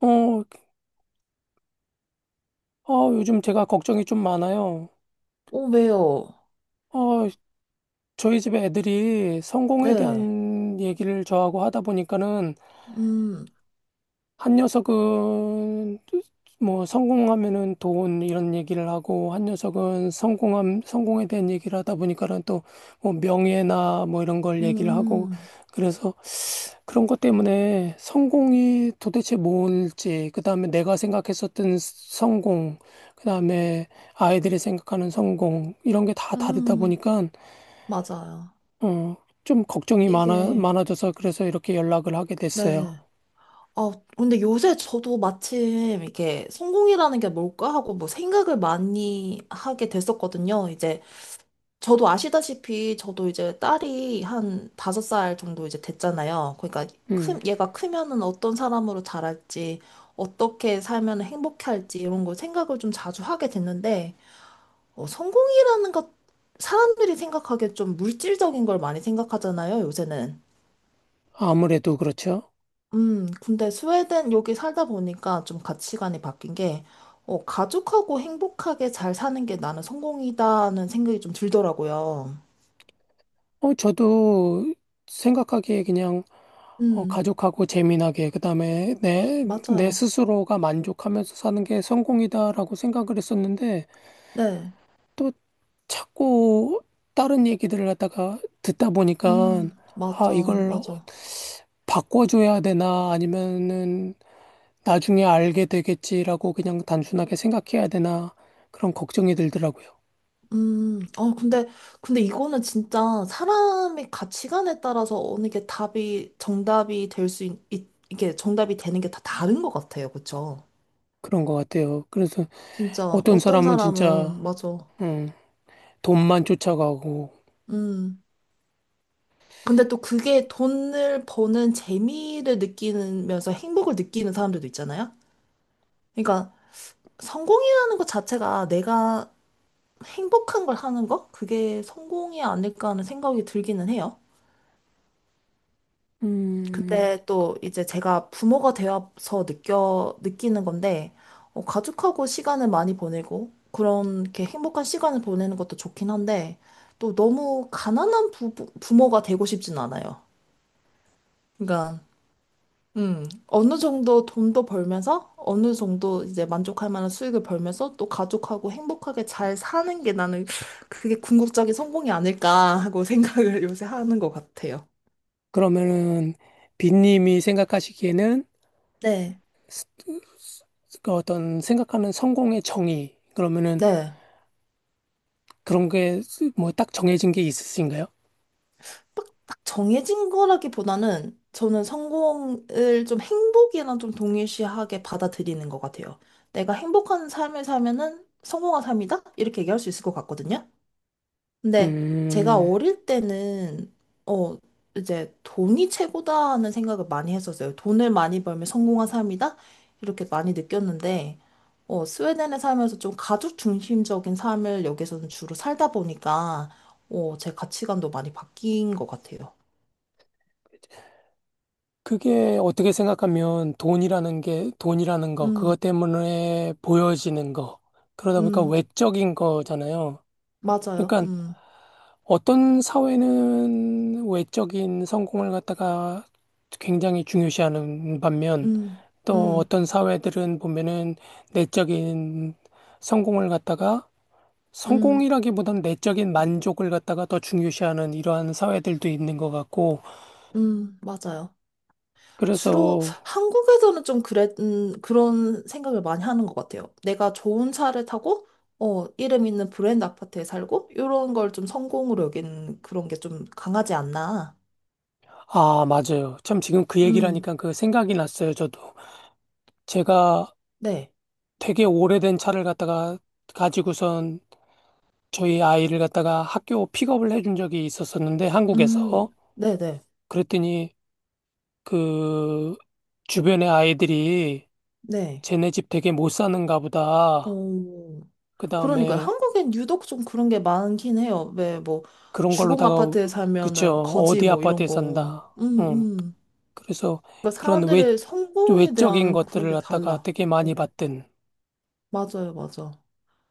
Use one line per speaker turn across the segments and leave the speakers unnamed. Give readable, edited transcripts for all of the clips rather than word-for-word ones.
어, 요즘 제가 걱정이 좀 많아요.
오, 왜요?
어, 저희 집에 애들이 성공에
네.
대한 얘기를 저하고 하다 보니까는
음,
한 녀석은 뭐 성공하면은 돈 이런 얘기를 하고 한 녀석은 성공함 성공에 대한 얘기를 하다 보니까는 또 뭐 명예나 뭐 이런 걸 얘기를 하고
음,
그래서 그런 것 때문에 성공이 도대체 뭘지, 그 다음에 내가 생각했었던 성공, 그 다음에 아이들이 생각하는 성공, 이런 게 다 다르다
음,
보니까,
맞아요.
어, 좀 걱정이 많아,
이게,
많아져서 그래서 이렇게 연락을 하게 됐어요.
네. 아, 근데 요새 저도 마침 이게 성공이라는 게 뭘까 하고 뭐 생각을 많이 하게 됐었거든요. 이제 저도 아시다시피 저도 이제 딸이 한 5살 정도 이제 됐잖아요. 그러니까
음,
얘가 크면은 어떤 사람으로 자랄지, 어떻게 살면 행복할지 이런 걸 생각을 좀 자주 하게 됐는데, 성공이라는 것, 사람들이 생각하기에 좀 물질적인 걸 많이 생각하잖아요, 요새는.
아무래도 그렇죠.
근데 스웨덴 여기 살다 보니까 좀 가치관이 바뀐 게, 가족하고 행복하게 잘 사는 게 나는 성공이다는 생각이 좀 들더라고요.
저도 생각하기에 그냥,
음,
가족하고 재미나게, 그 다음에 내
맞아요.
스스로가 만족하면서 사는 게 성공이다라고 생각을 했었는데,
네.
또 자꾸 다른 얘기들을 갖다가 듣다 보니까,
맞아,
이걸
맞아.
바꿔줘야 되나, 아니면은 나중에 알게 되겠지라고 그냥 단순하게 생각해야 되나, 그런 걱정이 들더라고요.
음, 어, 근데, 근데 이거는 진짜 사람의 가치관에 따라서 어느 게 정답이 이게 정답이 되는 게 다 다른 것 같아요. 그쵸?
그런 것 같아요. 그래서
진짜
어떤
어떤
사람은 진짜,
사람은 맞아.
음, 돈만 쫓아가고,
음. 근데 또 그게 돈을 버는 재미를 느끼면서 행복을 느끼는 사람들도 있잖아요. 그러니까 성공이라는 것 자체가 내가 행복한 걸 하는 거? 그게 성공이 아닐까 하는 생각이 들기는 해요.
음,
근데 또 이제 제가 부모가 되어서 느껴 느끼는 건데 가족하고 시간을 많이 보내고 그렇게 행복한 시간을 보내는 것도 좋긴 한데 또 너무 가난한 부모가 되고 싶진 않아요. 그러니까 어느 정도 돈도 벌면서 어느 정도 이제 만족할 만한 수익을 벌면서 또 가족하고 행복하게 잘 사는 게 나는 그게 궁극적인 성공이 아닐까 하고 생각을 요새 하는 것 같아요.
그러면은 빈님이 생각하시기에는
네.
스- 그 어떤 생각하는 성공의 정의, 그러면은
네.
그런 게 뭐 딱 정해진 게 있으신가요?
딱 정해진 거라기보다는 저는 성공을 좀 행복이랑 좀 동일시하게 받아들이는 것 같아요. 내가 행복한 삶을 살면은 성공한 삶이다? 이렇게 얘기할 수 있을 것 같거든요. 근데 제가
음,
어릴 때는 어 이제 돈이 최고다 하는 생각을 많이 했었어요. 돈을 많이 벌면 성공한 삶이다 이렇게 많이 느꼈는데 스웨덴에 살면서 좀 가족 중심적인 삶을 여기서는 주로 살다 보니까 어제 가치관도 많이 바뀐 것 같아요.
그게 어떻게 생각하면 돈이라는 게 돈이라는 거, 그것
음,
때문에 보여지는 거, 그러다 보니까
음,
외적인 거잖아요.
맞아요.
그러니까 어떤 사회는 외적인 성공을 갖다가 굉장히 중요시하는 반면
음,
또
음,
어떤 사회들은 보면은 내적인 성공을 갖다가
음,
성공이라기보단 내적인 만족을 갖다가 더 중요시하는 이러한 사회들도 있는 것 같고
맞아요. 주로
그래서
한국에서는 좀 그런 생각을 많이 하는 것 같아요. 내가 좋은 차를 타고, 이름 있는 브랜드 아파트에 살고, 이런 걸 좀 성공으로 여기는 그런 게 좀 강하지 않나.
아, 맞아요. 참 지금 그 얘기를
음,
하니까 그 생각이 났어요, 저도. 제가
네.
되게 오래된 차를 갖다가 가지고선 저희 아이를 갖다가 학교 픽업을 해준 적이 있었었는데,
음,
한국에서.
네네. 네.
그랬더니 그 주변의 아이들이
네.
쟤네 집 되게 못 사는가 보다.
어,
그
그러니까요.
다음에
한국엔 유독 좀 그런 게 많긴 해요. 왜, 뭐,
그런
주공
걸로다가,
아파트에
그쵸.
살면은 거지
어디
뭐 이런
아파트에
거.
산다. 응. 그래서
그러니까
그런 외,
사람들의 성공에
외적인
대한 그런
것들을
게
갖다가
달라.
되게 많이
네.
봤던.
맞아요, 맞아.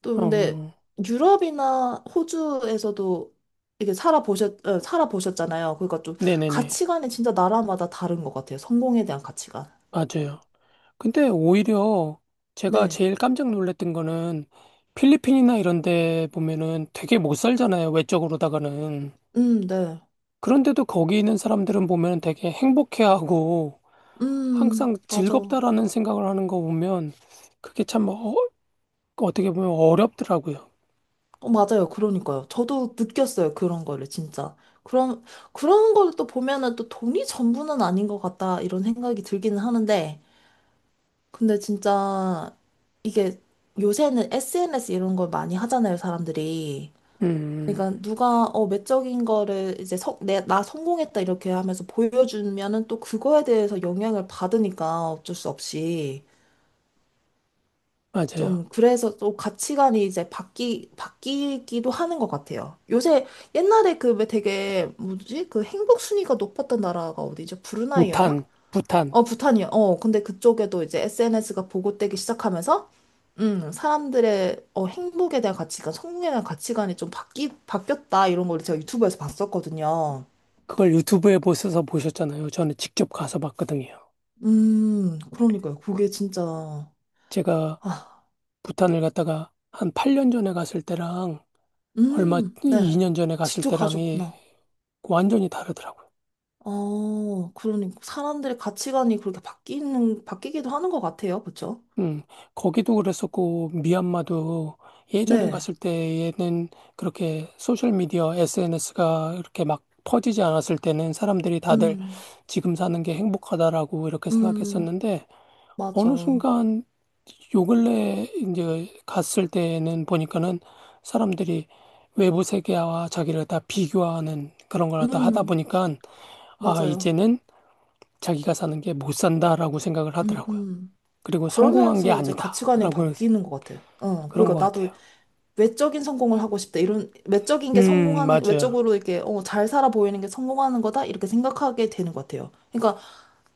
또 근데
음,
유럽이나 호주에서도 이게 살아보셨잖아요. 그러니까 좀
네네네.
가치관이 진짜 나라마다 다른 것 같아요. 성공에 대한 가치관.
맞아요. 근데 오히려 제가
네.
제일 깜짝 놀랐던 거는 필리핀이나 이런 데 보면은 되게 못 살잖아요. 외적으로다가는.
네.
그런데도 거기 있는 사람들은 보면 되게 행복해하고 항상
맞아.
즐겁다라는 생각을 하는 거 보면 그게 참 어떻게 보면 어렵더라고요.
맞아요. 그러니까요. 저도 느꼈어요. 그런 거를 진짜. 그런, 그런 거를 또 보면은 또 돈이 전부는 아닌 것 같다. 이런 생각이 들기는 하는데. 근데 진짜 이게 요새는 SNS 이런 걸 많이 하잖아요. 사람들이.
음,
그러니까 누가 외적인 거를 이제 나 성공했다 이렇게 하면서 보여주면은 또 그거에 대해서 영향을 받으니까 어쩔 수 없이
맞아요.
좀 그래서 또 가치관이 이제 바뀌기도 하는 것 같아요. 요새. 옛날에 그 왜 되게 뭐지, 그 행복 순위가 높았던 나라가 어디죠? 브루나이였나?
부탄, 부탄.
부탄이요. 근데 그쪽에도 이제 SNS가 보급되기 시작하면서, 사람들의 행복에 대한 가치관, 성공에 대한 가치관이 좀 바뀌었다, 이런 걸 제가 유튜브에서 봤었거든요.
그걸 유튜브에 보셔서 보셨잖아요. 저는 직접 가서 봤거든요.
그러니까요. 그게 진짜,
제가
아,
부탄을 갔다가 한 8년 전에 갔을 때랑 얼마
네.
2년 전에 갔을
직접
때랑이
가셨구나.
완전히 다르더라고요.
그러니 사람들의 가치관이 그렇게 바뀌기도 하는 것 같아요. 그쵸?
음, 거기도 그랬었고 미얀마도 예전에
네.
갔을 때에는 그렇게 소셜 미디어 SNS가 이렇게 막 퍼지지 않았을 때는 사람들이 다들
음,
지금 사는 게 행복하다라고 이렇게
음,
생각했었는데 어느
맞아.
순간 요 근래 이제 갔을 때는 보니까는 사람들이 외부 세계와 자기를 다 비교하는 그런 걸 다 하다
음,
보니까
맞아요.
이제는 자기가 사는 게 못 산다라고 생각을
음,
하더라고요.
음.
그리고 성공한 게
그러면서 이제 가치관이
아니다라고
바뀌는 것 같아.
그런 것
그러니까 나도
같아요.
외적인 성공을 하고 싶다. 이런 외적인 게 성공하는,
맞아요.
외적으로 이렇게 잘 살아 보이는 게 성공하는 거다. 이렇게 생각하게 되는 것 같아요. 그러니까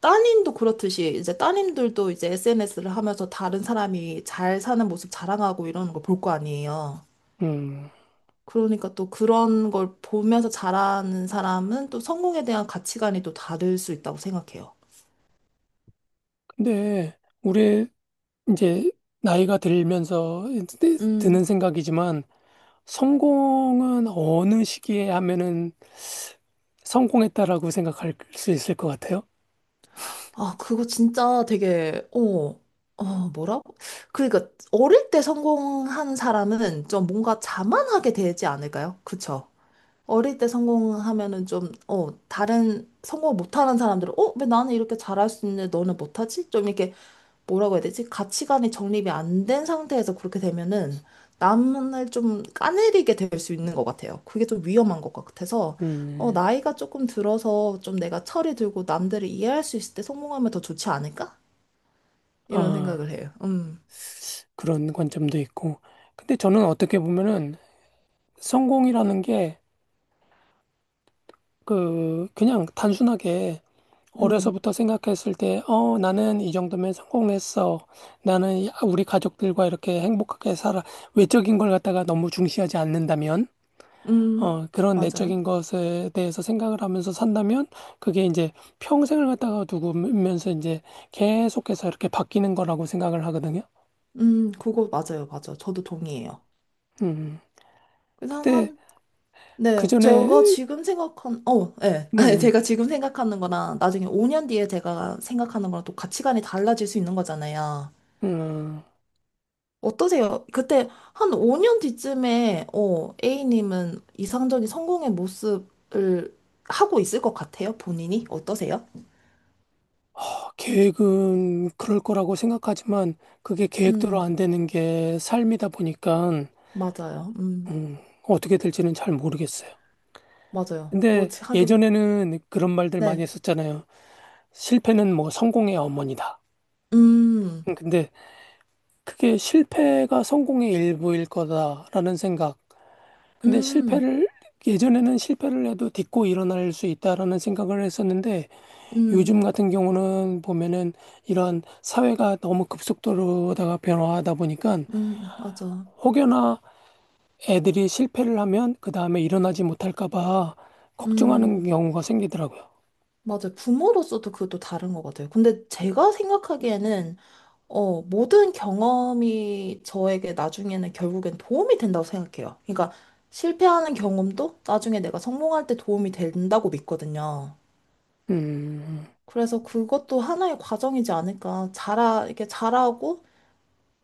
따님도 그렇듯이 이제 따님들도 이제 SNS를 하면서 다른 사람이 잘 사는 모습 자랑하고 이러는 걸 볼 거 아니에요.
음.
그러니까 또 그런 걸 보면서 자라는 사람은 또 성공에 대한 가치관이 또 다를 수 있다고 생각해요.
근데 우리 이제 나이가 들면서 드는 생각이지만 성공은 어느 시기에 하면은 성공했다라고 생각할 수 있을 것 같아요.
아, 그거 진짜 되게, 어, 뭐라고? 그러니까, 어릴 때 성공한 사람은 좀 뭔가 자만하게 되지 않을까요? 그쵸? 어릴 때 성공하면은 좀, 다른 성공 못하는 사람들은, 왜 나는 이렇게 잘할 수 있는데 너는 못하지? 좀 이렇게 뭐라고 해야 되지? 가치관이 정립이 안 된 상태에서 그렇게 되면은 남을 좀 까내리게 될 수 있는 것 같아요. 그게 좀 위험한 것 같아서
음.
나이가 조금 들어서 좀 내가 철이 들고 남들을 이해할 수 있을 때 성공하면 더 좋지 않을까? 이런
아,
생각을 해요.
그런 관점도 있고. 근데 저는 어떻게 보면은 성공이라는 게 그냥 단순하게
음,
어려서부터 생각했을 때, 나는 이 정도면 성공했어. 나는 우리 가족들과 이렇게 행복하게 살아. 외적인 걸 갖다가 너무 중시하지 않는다면,
음,
그런
맞아요.
내적인 것에 대해서 생각을 하면서 산다면, 그게 이제 평생을 갖다가 두면서 이제 계속해서 이렇게 바뀌는 거라고 생각을 하거든요.
그거 맞아요, 맞아요. 저도 동의해요.
음.
그래서
근데 그
네,
전에,
제가 지금 생각한, 어, 네.
네네네.
제가 지금 생각하는 거랑 나중에 5년 뒤에 제가 생각하는 거랑 또 가치관이 달라질 수 있는 거잖아요.
음,
어떠세요? 그때 한 5년 뒤쯤에 A님은 이상적인 성공의 모습을 하고 있을 것 같아요, 본인이? 어떠세요?
계획은 그럴 거라고 생각하지만, 그게 계획대로
음,
안 되는 게 삶이다 보니까,
맞아요.
음, 어떻게 될지는 잘 모르겠어요.
맞아요.
근데
그렇지, 하긴.
예전에는 그런 말들 많이
네.
했었잖아요. 실패는 뭐 성공의 어머니다.
음,
근데 그게 실패가 성공의 일부일 거다라는 생각. 근데
음,
실패를 예전에는 실패를 해도 딛고 일어날 수 있다라는 생각을 했었는데
음,
요즘 같은 경우는 보면은 이런 사회가 너무 급속도로다가 변화하다 보니까
맞아.
혹여나 애들이 실패를 하면 그 다음에 일어나지 못할까 봐 걱정하는
음,
경우가 생기더라고요.
맞아요. 부모로서도 그것도 다른 것 같아요. 근데 제가 생각하기에는 모든 경험이 저에게 나중에는 결국엔 도움이 된다고 생각해요. 그러니까 실패하는 경험도 나중에 내가 성공할 때 도움이 된다고 믿거든요.
음,
그래서 그것도 하나의 과정이지 않을까. 이렇게 잘하고,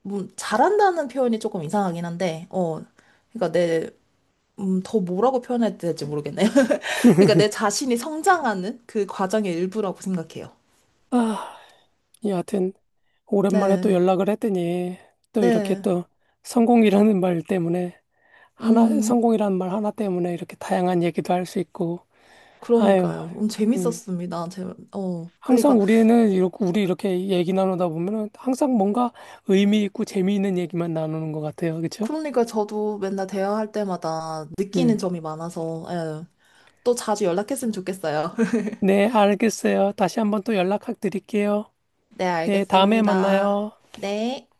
잘한다는 표현이 조금 이상하긴 한데, 그러니까 더 뭐라고 표현해야 될지 모르겠네요. 그러니까 내 자신이 성장하는 그 과정의 일부라고 생각해요.
아, 여하튼, 오랜만에 또
네,
연락을 했더니, 또 이렇게
네,
또 성공이라는 말 때문에, 하나,
음.
성공이라는 말 하나 때문에 이렇게 다양한 얘기도 할 수 있고, 아유,
그러니까요.
음,
재밌었습니다.
항상
그러니까,
우리는, 이렇게, 우리 이렇게 얘기 나누다 보면은 항상 뭔가 의미 있고 재미있는 얘기만 나누는 것 같아요. 그쵸?
그러니까 저도 맨날 대화할 때마다
음,
느끼는 점이 많아서, 예, 또 자주 연락했으면 좋겠어요.
네, 알겠어요. 다시 한번 또 연락 드릴게요.
네,
네, 다음에
알겠습니다.
만나요.
네.